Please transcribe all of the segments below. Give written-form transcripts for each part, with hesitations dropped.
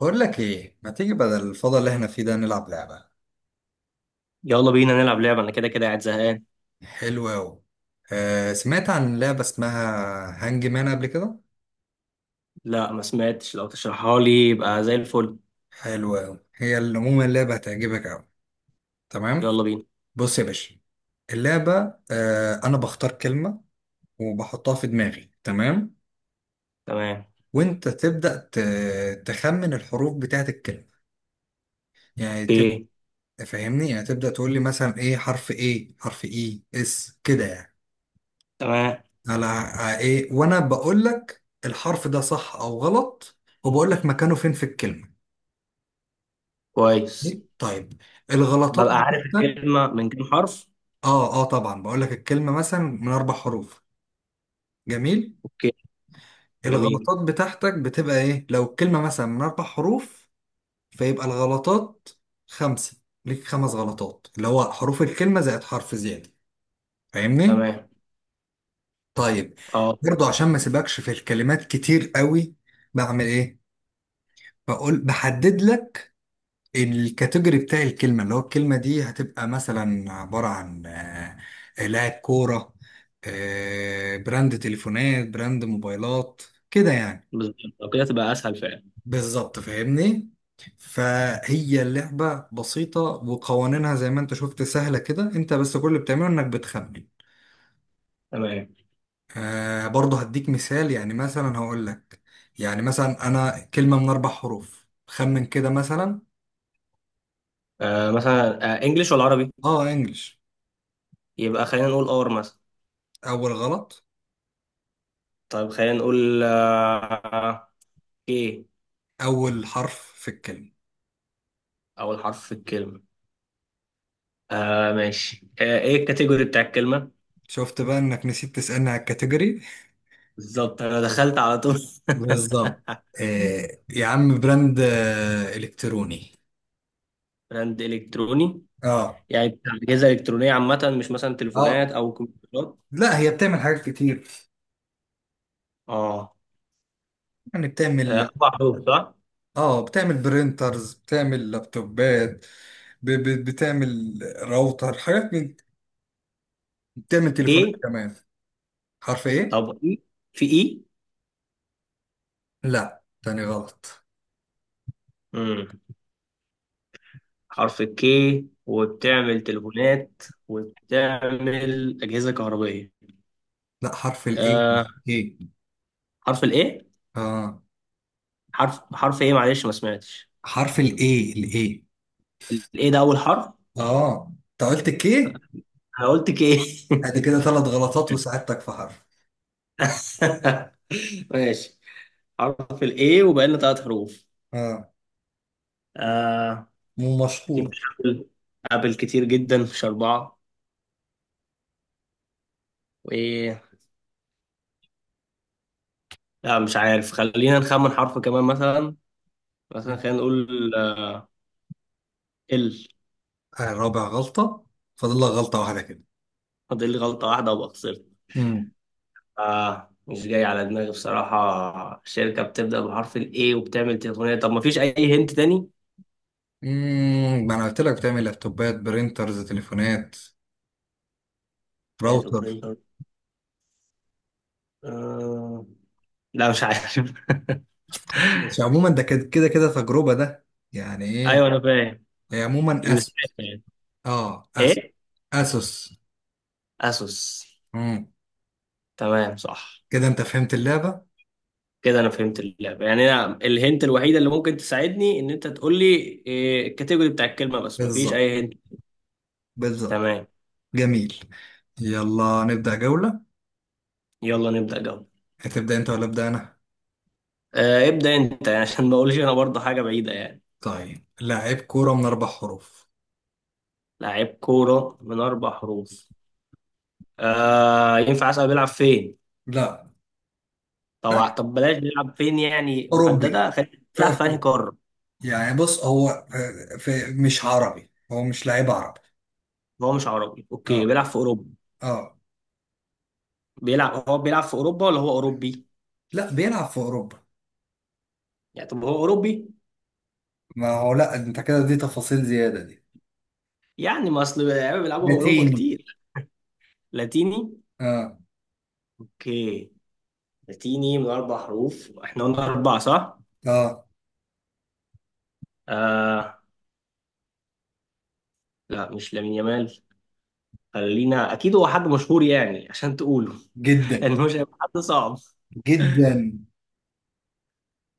بقول لك ايه، ما تيجي بدل الفضاء اللي احنا فيه ده نلعب لعبة؟ يلا بينا نلعب لعبة. أنا كده قاعد زهقان. حلوة أوي. سمعت عن لعبة اسمها هانج مان قبل كده. لا ما سمعتش، لو تشرحها لي يبقى زي الفل. حلوة أوي. عموما اللعبة هتعجبك أوي. تمام. يلا بينا. بص يا باشا. اللعبة. أنا بختار كلمة وبحطها في دماغي. تمام. تمام. وأنت تبدأ تخمن الحروف بتاعت الكلمة. يعني تبدأ. اوكي. فاهمني؟ يعني تبدأ تقول لي مثلا ايه حرف، ايه حرف، ايه اس كده يعني. تمام. على ايه، وانا بقول لك الحرف ده صح او غلط، وبقول لك مكانه فين في الكلمه. كويس. طيب. الغلطات ببقى عارف بتاعتك. الكلمة من كام حرف؟ اه، اه، طبعا بقول لك الكلمه مثلا من اربع حروف. جميل. اوكي. جميل. الغلطات بتاعتك بتبقى ايه لو الكلمه مثلا من اربع حروف؟ فيبقى الغلطات خمسه. ليك خمس غلطات، اللي هو حروف الكلمه زائد حرف زياده. فاهمني؟ تمام. طيب. اه. برضو عشان ما سيبكش في الكلمات كتير قوي بعمل ايه؟ بقول، بحدد لك الكاتيجوري بتاع الكلمة. اللي هو الكلمة دي هتبقى مثلا عبارة عن لاعب كورة، براند تليفونات، براند موبايلات، كده يعني. بالظبط، لو كده تبقى أسهل فعلا. بالظبط فاهمني. فهي اللعبة بسيطة، وقوانينها زي ما انت شفت سهلة كده. انت بس كل اللي بتعمله انك بتخمن. تمام. برضه هديك مثال، يعني مثلا هقول لك، يعني مثلا انا كلمة من اربع حروف، خمن كده مثلا. مثلا إنجليش ولا عربي؟ اه، انجلش. يبقى خلينا نقول أور مثلا. اول غلط. طيب خلينا نقول إيه. اول حرف في الكلمة. أول حرف في الكلمة. آه ماشي، إيه الكاتيجوري بتاع الكلمة؟ شفت بقى انك نسيت تسألني على الكاتيجوري. بالظبط، أنا دخلت على طول. بالظبط. يا عم براند الكتروني. براند الكتروني؟ اه، يعني بتاع اجهزه الكترونيه عامه، مش مثلا اه، تليفونات او كمبيوترات؟ لا هي بتعمل حاجات كتير. اه. يعني بتعمل. اربع حروف صح؟ اه، بتعمل برينترز، بتعمل لابتوبات، بتعمل راوتر، حاجات من. بتعمل تليفونات كي. كمان. حرف ايه؟ طب اي. في اي. لا، تاني غلط. امم حرف الكي، وبتعمل تليفونات وبتعمل اجهزه كهربائيه. لا، حرف الايه. آه. ايه. حرف الايه. اه. حرف ايه معلش ما سمعتش. حرف الاي، الاي. الايه ده اول حرف؟ اه، انت قلت كي. انا قلت كي. ادي كده ثلاث غلطات وساعدتك في حرف. ماشي. حرف الايه وبقى لنا ثلاث حروف. اه. آه. اكيد مشهورة. مش ابل، ابل كتير جدا مش اربعه. وايه. لا مش عارف، خلينا نخمن حرف كمان مثلا. مثلا خلينا نقول ال. رابع غلطة. فاضل لك غلطة واحدة كده. فاضل لي غلطة واحدة وابقى خسرت. امم آه مش جاي على دماغي بصراحة، شركة بتبدأ بحرف ال A وبتعمل تليفونات؟ طب ما فيش أي هنت تاني؟ ما انا قلت لك بتعمل لابتوبات، برينترز، تليفونات، باد راوتر. وبرينتر. آه. لا مش عارف. بس عموما ده كده كده كده تجربة ده. يعني أيوه ايه؟ أنا فاهم. هي عموما اسوس. مستعد يعني. اه، إيه؟ اسوس. أسوس. امم تمام صح. كده انت فهمت اللعبة. كده أنا فهمت اللعبة، يعني أنا الهنت الوحيدة اللي ممكن تساعدني إن أنت تقول لي إيه الكاتيجوري بتاع الكلمة، بس مفيش بالظبط. أي هنت. بالظبط. تمام. جميل. يلا نبدأ جولة. يلا نبدأ جولة. هتبدأ انت ولا ابدأ انا؟ آه ابدأ انت، يعني عشان ما اقولش انا برضه حاجة بعيدة يعني. طيب، لاعب كورة من اربع حروف. لاعب كورة من اربع حروف. آه ينفع اسأل بيلعب فين؟ لا. لا، طبعا. طب بلاش بيلعب فين، يعني اوروبي. محددة، خلينا ف... بيلعب في انهي قارة. يعني بص هو مش عربي، هو مش لعيب عربي. هو مش عربي، اوكي اه. بيلعب في اوروبا. اه. بيلعب، هو بيلعب في اوروبا ولا هو اوروبي؟ لا، بيلعب في اوروبا. يعني طب هو اوروبي؟ ما هو لا، انت كده دي تفاصيل زياده دي. يعني ما اصل اللعيبه بيلعبوا في اوروبا لاتيني. كتير. لاتيني. اه. اوكي. لاتيني من اربع حروف، احنا قلنا اربعة صح؟ اه. آه. لا مش لامين يامال. خلينا، اكيد هو حد مشهور يعني عشان تقوله. جدا. انه مش هيبقى حد صعب جدا.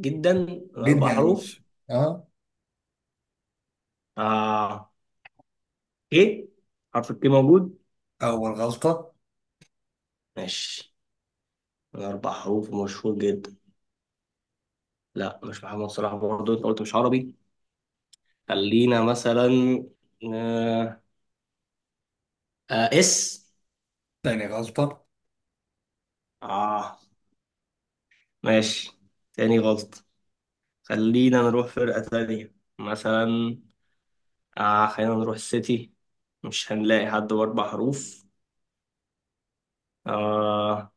جدا. من جدا اربع يا حروف. باشا. اه. اه. ايه. حرف الكي موجود؟ اول غلطه. ماشي. من اربع حروف مشهور جدا. لا مش محمد صلاح، برضه انت قلت مش عربي. خلينا مثلا آه. آه. اس. تاني غلطه. اه. ماشي. تاني غلط. خلينا نروح فرقة تانية مثلا. آه خلينا نروح السيتي، مش هنلاقي حد بأربع حروف. آه.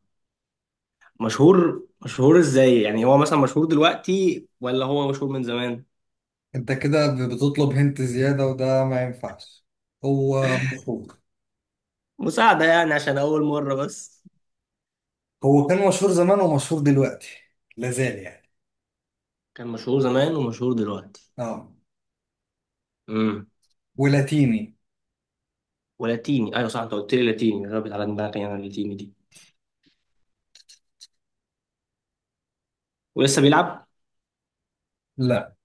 مشهور، مشهور ازاي يعني؟ هو مثلا مشهور دلوقتي ولا هو مشهور من زمان؟ انت كده بتطلب هنت زياده وده ما ينفعش. هو مشهور. مساعدة يعني عشان أول مرة بس. هو كان مشهور زمان ومشهور دلوقتي. لازال يعني. كان مشهور زمان ومشهور دلوقتي. اه. امم. ولاتيني. ولاتيني. أيوة صح أنت قلت لي لاتيني، غابت على دماغي أنا اللاتيني دي. ولسه بيلعب؟ لا.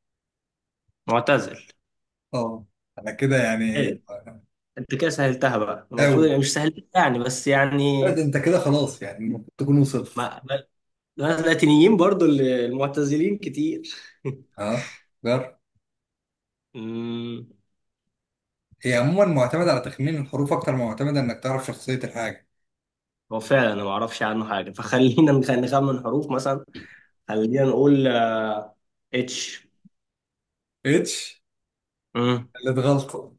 معتزل. اه. انا كده يعني. حلو. أنت كده سهلتها بقى، المفروض أوي. يعني، مش سهلتها يعني بس يعني. لا ده أنت كده خلاص يعني المفروض تكون وصلت. ما ما- ما اللاتينيين برضو المعتزلين كتير. ها. جر. امم. هي عموما معتمدة على تخمين الحروف أكتر ما معتمدة إنك تعرف شخصية الحاجة. هو فعلا أنا ما أعرفش عنه حاجة، فخلينا نخمن حروف مثلا. خلينا نقول اتش. اتش. امم. اللي اتغلط.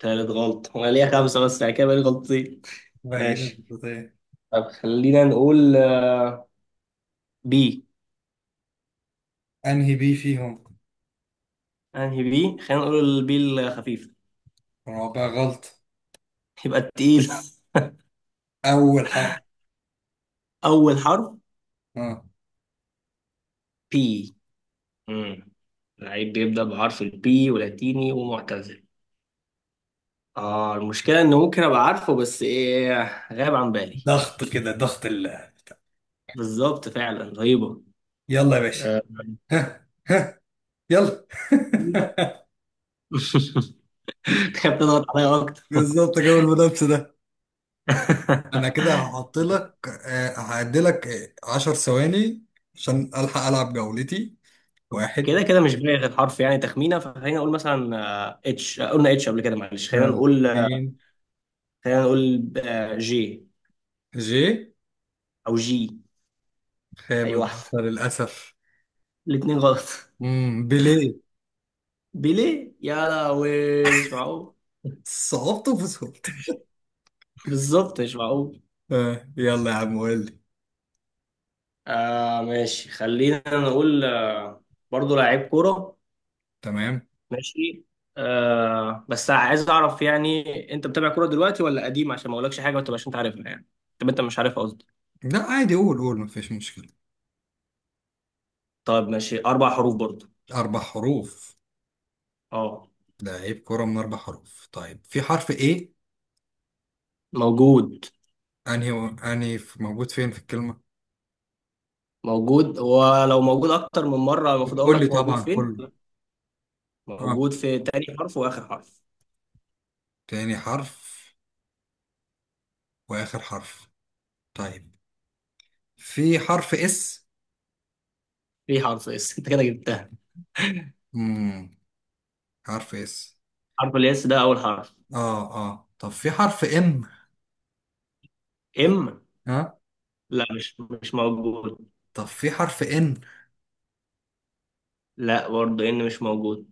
تالت غلط، انا ليا خمسة بس يعني كده بقالي غلطتين. بعيدا ماشي. بالبداية. طب خلينا نقول بي. أنهي بي فيهم؟ انهي بي؟ خلينا نقول البي الخفيف. رابع غلط. يبقى التقيل. أول حرف. اول حرف. ها. بي. امم. لعيب بيبدأ بحرف البي ولاتيني ومعتزل. اه المشكلة ان ممكن ابقى عارفه، بس ايه، غاب عن بالي. ضغط كده، ضغط ال. بالظبط فعلا رهيبة. يلا يا باشا. آه. ها، ها. يلا. تخاف تضغط عليا اكتر. بالظبط جو المنافسة ده. أنا كده هحط لك. هعدي لك 10 ثواني عشان ألحق ألعب جولتي. واحد. كده مش باقي غير حرف يعني تخمينه، فخلينا نقول مثلا اتش. قلنا اتش قبل كده معلش. خلينا آه، نقول اتنين. خلينا نقول جي. جي. او جي. اي خامس. واحد. للأسف. الاثنين غلط. بيليه. بيليه؟ يا لهوي مش معقول. صعوبته في صعوبته. بالظبط مش معقول. يلا يا عم قول لي. ماشي خلينا نقول آه، برضه لعيب كوره. تمام. ماشي. آه بس عايز اعرف يعني، انت بتابع كوره دلوقتي ولا قديم، عشان ما اقولكش حاجه ما تبقاش انت عارفها يعني. طب انت مش عارفها قصدي. لا عادي، قول قول، مفيش مشكلة. طيب ماشي، اربع حروف برضه. أربع حروف. اه. لعيب كرة من أربع حروف. طيب، في حرف إيه؟ موجود. أنهي. موجود فين في الكلمة؟ موجود، ولو موجود اكتر من مره المفروض اقول قول لي لك موجود طبعا فين. كله. آه. موجود في تاني حرف واخر حرف. تاني حرف. وآخر حرف. طيب. في حرف إس. في حرف اس؟ انت كده جبتها. امم. حرف إس. حرف الاس ده اول حرف. آه، آه، طب في حرف إم؟ ام. ها. لا مش موجود. طب في حرف إن؟ لا برضه ان مش موجود.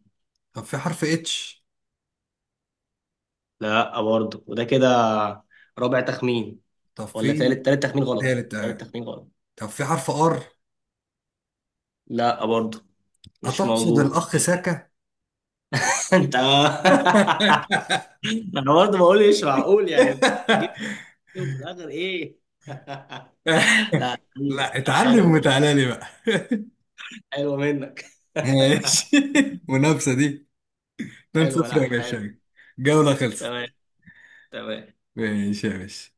طب في حرف اتش؟ لا برضه، وده كده رابع تخمين، طب ولا في. تالت، تالت تخمين غلط. تالت. تالت آه. تخمين غلط. طب في حرف ار؟ لا برضه، مش أتقصد موجود. الأخ ساكا؟ انت انا. برضه بقول مش معقول يعني، انت جبت في الاخر ايه. لا. لا، اتعلم حلو. وتعالى لي بقى. حلو منك. ماشي. منافسة دي. 2 حلو. 0 لا يا حلو. باشا. الجولة خلصت. تمام. تمام. ماشي يا باشا.